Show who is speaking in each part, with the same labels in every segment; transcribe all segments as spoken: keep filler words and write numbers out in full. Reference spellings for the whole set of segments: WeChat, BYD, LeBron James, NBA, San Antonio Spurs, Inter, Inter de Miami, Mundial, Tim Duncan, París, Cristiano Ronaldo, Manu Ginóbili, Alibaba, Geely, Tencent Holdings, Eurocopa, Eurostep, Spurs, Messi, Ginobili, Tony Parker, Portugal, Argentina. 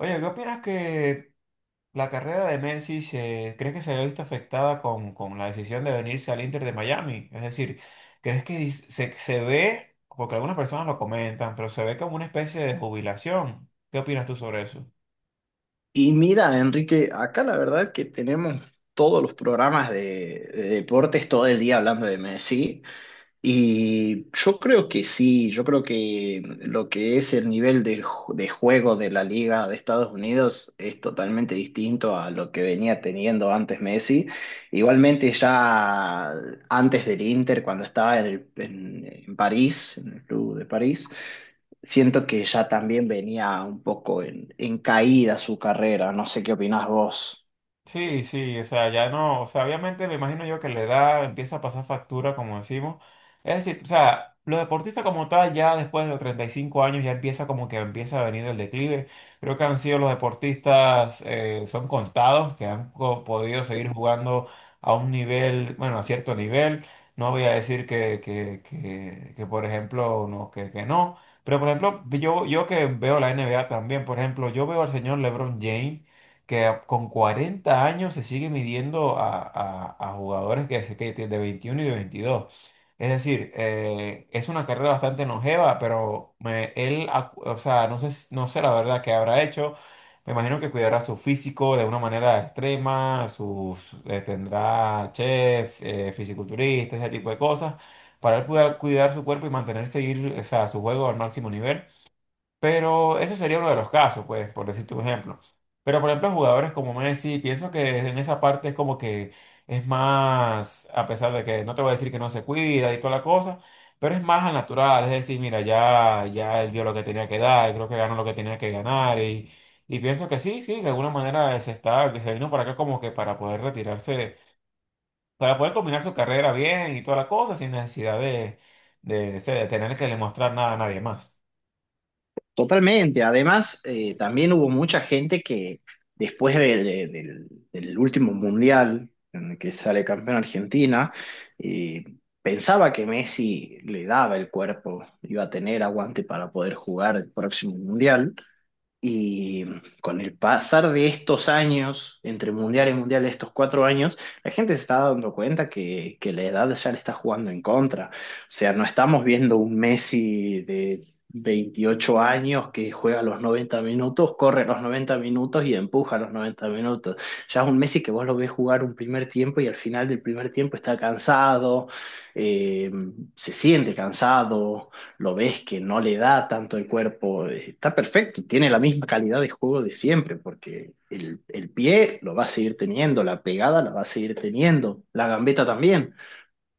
Speaker 1: Oye, ¿qué opinas que la carrera de Messi se, crees que se haya visto afectada con, con la decisión de venirse al Inter de Miami? Es decir, ¿crees que dis- se, se ve, porque algunas personas lo comentan, pero se ve como una especie de jubilación? ¿Qué opinas tú sobre eso?
Speaker 2: Y mira, Enrique, acá la verdad que tenemos todos los programas de, de deportes todo el día hablando de Messi. Y yo creo que sí, yo creo que lo que es el nivel de, ju- de juego de la Liga de Estados Unidos es totalmente distinto a lo que venía teniendo antes Messi. Igualmente ya antes del Inter, cuando estaba en, el- en en París, en el club de París siento que ya también venía un poco en, en caída su carrera, no sé qué opinás vos.
Speaker 1: Sí, sí, o sea, ya no, o sea, obviamente me imagino yo que la edad empieza a pasar factura, como decimos. Es decir, o sea, los deportistas como tal, ya después de los treinta y cinco años, ya empieza como que empieza a venir el declive. Creo que han sido los deportistas, eh, son contados, que han co- podido seguir jugando a un nivel, bueno, a cierto nivel. No voy a decir que, que, que, que, por ejemplo, no, que, que no. Pero, por ejemplo, yo, yo que veo la N B A también, por ejemplo, yo veo al señor LeBron James que a- con cuarenta años se sigue midiendo a, a- a jugadores que, se- que de veintiuno y de veintidós. Es decir, eh, es una carrera bastante longeva, pero me- él, acu- o sea, no sé, s- no sé la verdad qué habrá hecho. Me imagino que cuidará su físico de una manera extrema, sus, eh, tendrá chef, eh, fisiculturista, ese tipo de cosas, para él poder cuidar su cuerpo y mantener, seguir, o sea, su juego al máximo nivel. Pero eso sería uno de los casos, pues, por decirte un ejemplo. Pero, por ejemplo, jugadores como Messi, pienso que en esa parte es como que es más, a pesar de que no te voy a decir que no se cuida y toda la cosa, pero es más al natural. Es decir, mira, ya, ya él dio lo que tenía que dar, creo que ganó lo que tenía que ganar. Y, y pienso que sí, sí, de alguna manera se está, que se vino para acá como que para poder retirarse, para poder combinar su carrera bien y toda la cosa, sin necesidad de, de, este, de tener que demostrar nada a nadie más.
Speaker 2: Totalmente, además eh, también hubo mucha gente que después de- de- del del último mundial en el que sale campeón Argentina, eh, pensaba que Messi le daba el cuerpo, iba a tener aguante para poder jugar el próximo mundial. Y con el pasar de estos años, entre mundial y mundial, estos cuatro años, la gente se está dando cuenta que, que la edad ya le está jugando en contra. O sea, no estamos viendo un Messi de veintiocho años que juega los noventa minutos, corre los noventa minutos y empuja los noventa minutos. Ya es un Messi que vos lo ves jugar un primer tiempo y al final del primer tiempo está cansado, eh, se siente cansado, lo ves que no le da tanto el cuerpo, eh, está perfecto, tiene la misma calidad de juego de siempre, porque el, el pie lo va a seguir teniendo, la pegada la va a seguir teniendo, la gambeta también,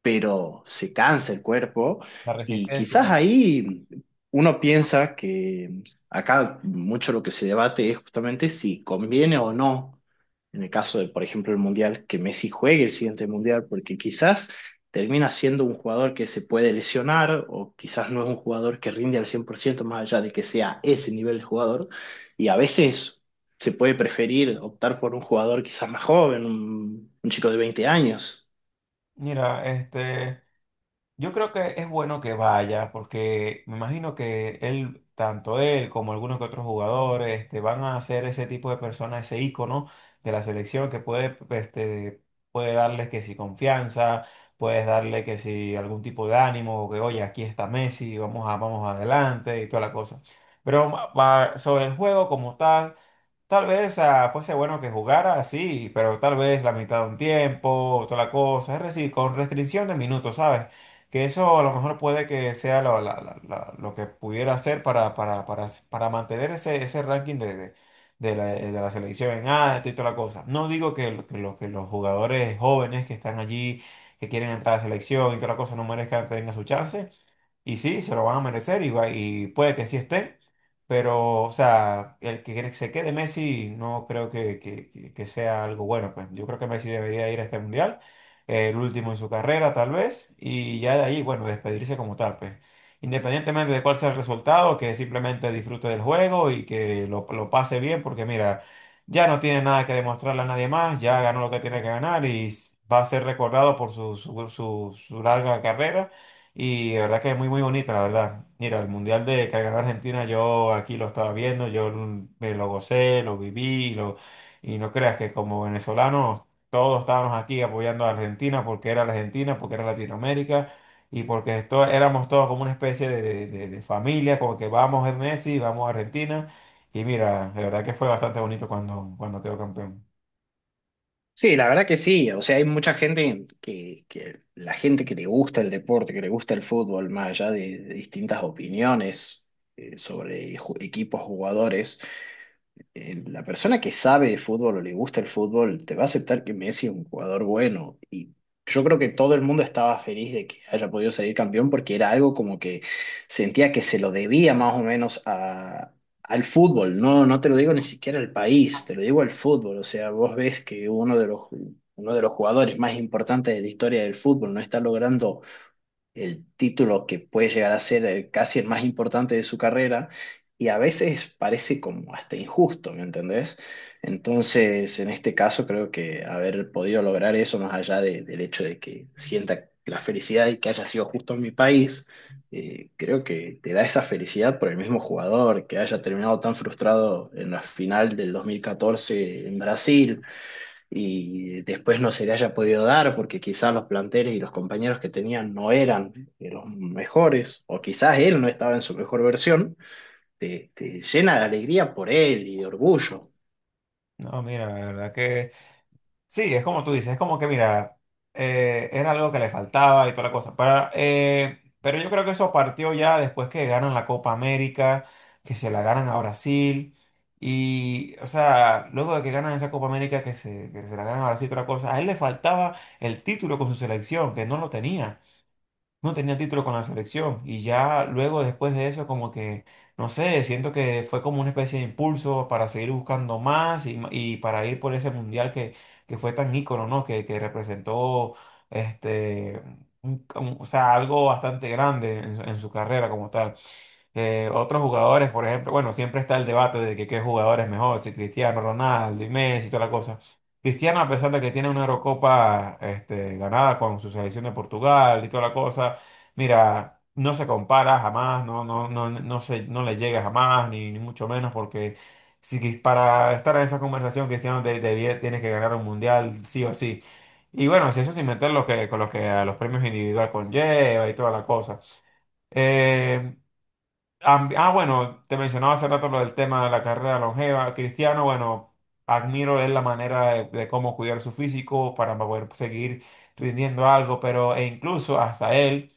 Speaker 2: pero se cansa el cuerpo,
Speaker 1: La
Speaker 2: y quizás
Speaker 1: resistencia.
Speaker 2: ahí uno piensa que acá mucho lo que se debate es justamente si conviene o no, en el caso de, por ejemplo, el Mundial, que Messi juegue el siguiente Mundial, porque quizás termina siendo un jugador que se puede lesionar, o quizás no es un jugador que rinde al cien por ciento más allá de que sea ese nivel de jugador, y a veces... Se puede preferir optar por un jugador quizás más joven, un, un chico de veinte años.
Speaker 1: Mira, este, yo creo que es bueno que vaya, porque me imagino que él, tanto él como algunos que otros jugadores, este, van a ser ese tipo de personas, ese ícono de la selección que puede, este, puede darles que si confianza, puedes darle que si algún tipo de ánimo, o que oye, aquí está Messi, vamos a, vamos adelante y toda la cosa. Pero ma- va- sobre el juego como tal. Tal vez, ah, fuese bueno que jugara así, pero tal vez la mitad de un tiempo, toda la cosa, es decir, con restricción de minutos, ¿sabes? Que eso a lo mejor puede que sea lo, la- la- la- lo que pudiera hacer para, para, para, para mantener ese, ese ranking de, de, de la, de la selección en alto y toda la cosa. No digo que, lo- que, lo- que los jugadores jóvenes que están allí, que quieren entrar a la selección y toda la cosa, no merezcan, tengan su chance, y sí, se lo van a merecer y, va- y puede que sí esté, pero, o sea, el que se quede Messi no creo que, que- que- que sea algo bueno, pues yo creo que Messi debería ir a este mundial, eh, el último en su carrera tal vez, y ya de ahí, bueno, despedirse como tal, pues. Independientemente de cuál sea el resultado, que simplemente disfrute del juego y que lo, lo pase bien, porque mira, ya no tiene nada que demostrarle a nadie más, ya ganó lo que tiene que ganar y s- va a ser recordado por su, su su- su larga carrera y la verdad que es muy, muy bonita, la verdad. Mira, el mundial de que ganó Argentina, yo aquí lo estaba viendo, yo me lo gocé, lo viví, lo, y no creas que como venezolanos todos estábamos aquí apoyando a Argentina porque era la Argentina, porque era Latinoamérica y porque esto, éramos todos como una especie de, de- de- de familia, como que vamos a Messi, vamos a Argentina. Y mira, de verdad que fue bastante bonito cuando, cuando quedó campeón.
Speaker 2: Sí, la verdad que sí. O sea, hay mucha gente que, que la gente que le gusta el deporte, que le gusta el fútbol, más allá de, de distintas opiniones eh, sobre ju- equipos, jugadores, eh, la persona que sabe de fútbol o le gusta el fútbol te va a aceptar que Messi es un jugador bueno. Y yo creo que todo el mundo estaba feliz de que haya podido salir campeón porque era algo como que sentía que se lo debía más o menos a, al fútbol. No, no te lo digo ni siquiera al país, te lo digo al fútbol. O sea, vos ves que uno de los, uno de los jugadores más importantes de la historia del fútbol no está logrando el título que puede llegar a ser el- casi el más importante de su carrera, y a veces parece como hasta injusto, ¿me entendés? Entonces, en este caso creo que haber podido lograr eso más allá de- del hecho de que sienta la felicidad y que haya sido justo en mi país, eh, creo que te da esa felicidad por el mismo jugador que haya terminado tan frustrado en la final del dos mil catorce en Brasil, y después no se le haya podido dar porque quizás los planteles y los compañeros que tenían no eran de los mejores, o quizás él no estaba en su mejor versión, te, te llena de alegría por él y de orgullo.
Speaker 1: No, mira, la verdad que. Sí, es como tú dices, es como que, mira, eh, era algo que le faltaba y toda la cosa. Para, eh, pero yo creo que eso partió ya después que ganan la Copa América, que se la ganan a Brasil. Y, o sea, luego de que ganan esa Copa América, que se, que se la ganan a Brasil y toda la cosa, a él le faltaba el título con su selección, que no lo tenía, no tenía título con la selección y ya luego después de eso como que, no sé, siento que fue como una especie de impulso para seguir buscando más y, ma- y para ir por ese mundial que, que fue tan ícono, ¿no? Que, que representó este, un- como- o sea, algo bastante grande en, su en su carrera como tal. Eh, otros jugadores, por ejemplo, bueno, siempre está el debate de que qué jugador es mejor, si Cristiano Ronaldo y Messi y toda la cosa. Cristiano, a pesar de que tiene una Eurocopa este, ganada con su selección de Portugal y toda la cosa, mira, no se compara jamás, no, no, no, no se, no le llega jamás, ni, ni mucho menos, porque si quis- para estar en esa conversación, Cristiano de, debía- tiene que ganar un mundial, sí o sí. Y bueno, si eso sin meter lo que, con lo que a los premios individual conlleva y toda la cosa. Eh, Am- Ah, bueno, te mencionaba hace rato lo del tema de la carrera longeva. Cristiano, bueno, admiro es la manera de, de cómo cuidar su físico para poder seguir rindiendo algo, pero e incluso hasta él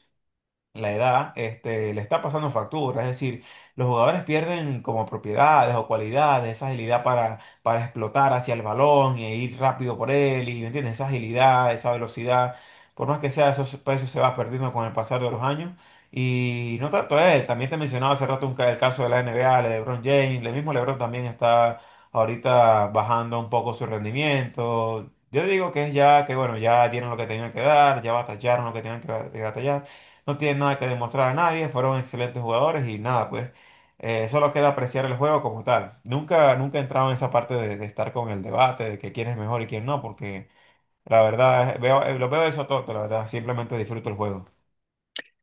Speaker 1: la edad este, le está pasando factura, es decir, los jugadores pierden como propiedades o cualidades, esa agilidad para, para explotar hacia el balón y ir rápido por él, y ¿me entiendes? Esa agilidad, esa velocidad, por más que sea, eso, se- pues, eso se va perdiendo con el pasar de los años. Y no tanto él, también te mencionaba hace rato un ca- el caso de la N NBA, de LeBron James, el mismo LeBron también está ahorita bajando un poco su rendimiento. Yo digo que es ya que, bueno, ya dieron lo que tenían que dar, ya batallaron lo que tenían que ba- que batallar. No tienen nada que demostrar a nadie, fueron excelentes jugadores y nada, pues eh, solo queda apreciar el juego como tal. Nunca, nunca he entrado en esa parte de, de estar con el debate de que quién es mejor y quién no, porque la verdad, eh, veo, eh, lo veo eso todo, la verdad, simplemente disfruto el juego.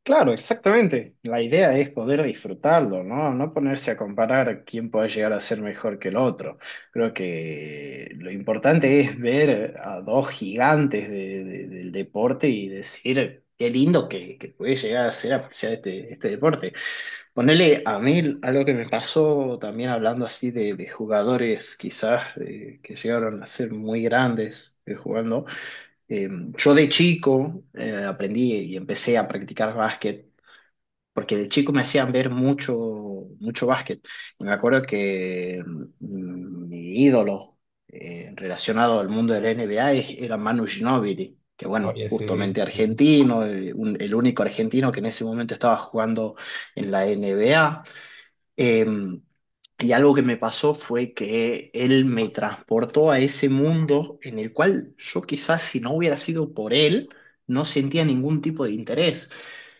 Speaker 2: Claro, exactamente. La idea es poder disfrutarlo, ¿no? No ponerse a comparar quién puede llegar a ser mejor que el otro. Creo que lo importante es ver a dos gigantes de- de- del deporte y decir qué lindo que, que puede llegar a ser apreciar este, este deporte. Ponele a mí algo que me pasó también hablando así de, de jugadores quizás eh, que llegaron a ser muy grandes eh, jugando. Eh, yo de chico eh, aprendí y empecé a practicar básquet porque de chico me hacían ver mucho, mucho básquet. Y me acuerdo que mm, mi ídolo eh, relacionado al mundo del N B A es- era Manu Ginóbili, que bueno,
Speaker 1: Oye, sí,
Speaker 2: justamente
Speaker 1: sí,
Speaker 2: argentino, eh, un- el único argentino que en ese momento estaba jugando en la N B A. Eh, y algo que me pasó fue que él me transportó a ese mundo en el cual yo, quizás si no hubiera sido por él, no sentía ningún tipo de interés.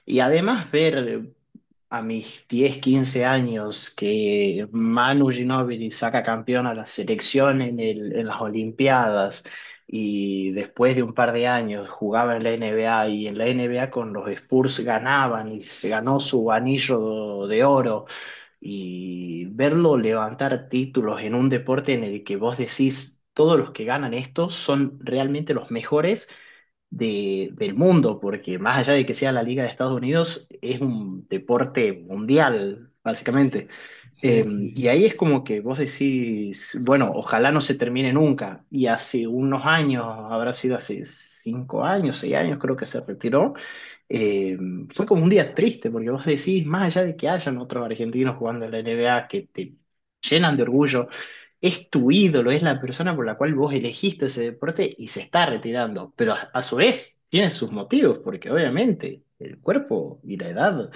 Speaker 2: Y además ver a mis diez, quince años que Manu Ginóbili saca campeón a la selección en el- en las Olimpiadas, y después de un par de años jugaba en la N B A, y en la N B A con los Spurs ganaban y se ganó su anillo de oro, y verlo levantar títulos en un deporte en el que vos decís, todos los que ganan esto son realmente los mejores de- del mundo, porque más allá de que sea la Liga de Estados Unidos, es un deporte mundial, básicamente.
Speaker 1: sí,
Speaker 2: Eh, y
Speaker 1: sí,
Speaker 2: ahí es como que vos decís, bueno, ojalá no se termine nunca. Y hace unos años, habrá sido hace cinco años, seis años, creo que se retiró, eh, fue como un día triste, porque vos decís, más allá de que hayan otros argentinos jugando en la N B A que te llenan de orgullo, es tu ídolo, es la persona por la cual vos elegiste ese deporte y se está retirando, pero a, a su vez tiene sus motivos, porque obviamente el cuerpo y la edad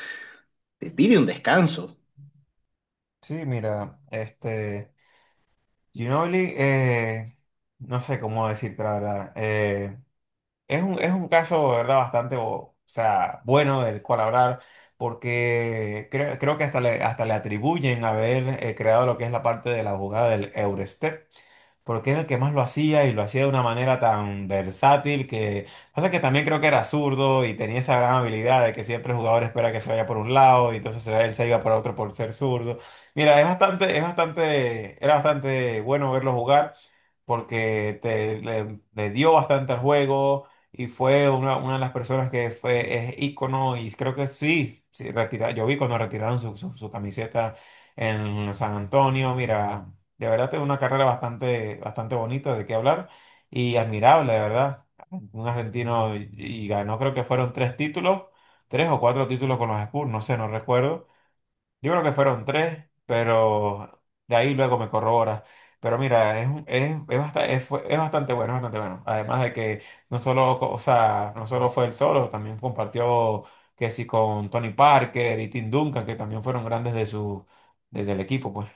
Speaker 2: te pide un descanso.
Speaker 1: sí, mira, este, Ginobili, eh, no sé cómo decirte la verdad. eh, Es un, es un caso, de verdad, bastante, o sea, bueno del cual hablar, porque creo, creo que hasta le, hasta le atribuyen haber eh, creado lo que es la parte de la jugada del Eurostep, porque era el que más lo hacía y lo hacía de una manera tan versátil que pasa que también creo que era zurdo y tenía esa gran habilidad de que siempre el jugador espera que se vaya por un lado y entonces se- él se iba por otro por ser zurdo. Mira, es bastante, es bastante, era bastante bueno verlo jugar porque te, le, le dio bastante al juego y fue una, una de las personas que fue, es ícono y creo que sí, sí, retira- yo vi cuando retiraron su, su, su camiseta en San Antonio, mira, de verdad tiene una carrera bastante, bastante bonita de qué hablar y admirable, de verdad. Un argentino y, y ganó, creo que fueron tres títulos, tres o cuatro títulos con los Spurs, no sé, no recuerdo. Yo creo que fueron tres, pero de ahí luego me corroboras. Pero mira, es, un- es, es, basta- es fue- es bastante bueno, es bastante bueno. Además de que no solo, co- o sea, no solo fue él solo, también compartió que sí con Tony Parker y Tim Duncan, que también fueron grandes de su, desde el equipo, pues.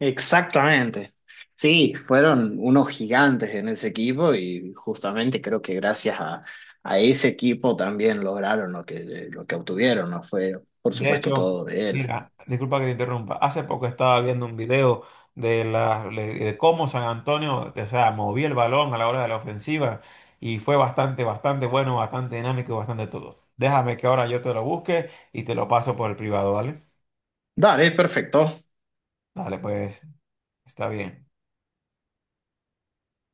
Speaker 2: Exactamente. Sí, fueron unos gigantes en ese equipo y justamente creo que gracias a, a ese equipo también lograron lo que, lo que obtuvieron, no fue por
Speaker 1: De
Speaker 2: supuesto
Speaker 1: hecho,
Speaker 2: todo de él.
Speaker 1: mira, disculpa que te interrumpa. Hace poco estaba viendo un video de, la, de cómo San Antonio, o sea, movía el balón a la hora de la ofensiva y fue bastante, bastante bueno, bastante dinámico y bastante todo. Déjame que ahora yo te lo busque y te lo paso por el privado, ¿vale?
Speaker 2: Dale, perfecto.
Speaker 1: Dale, pues, está bien.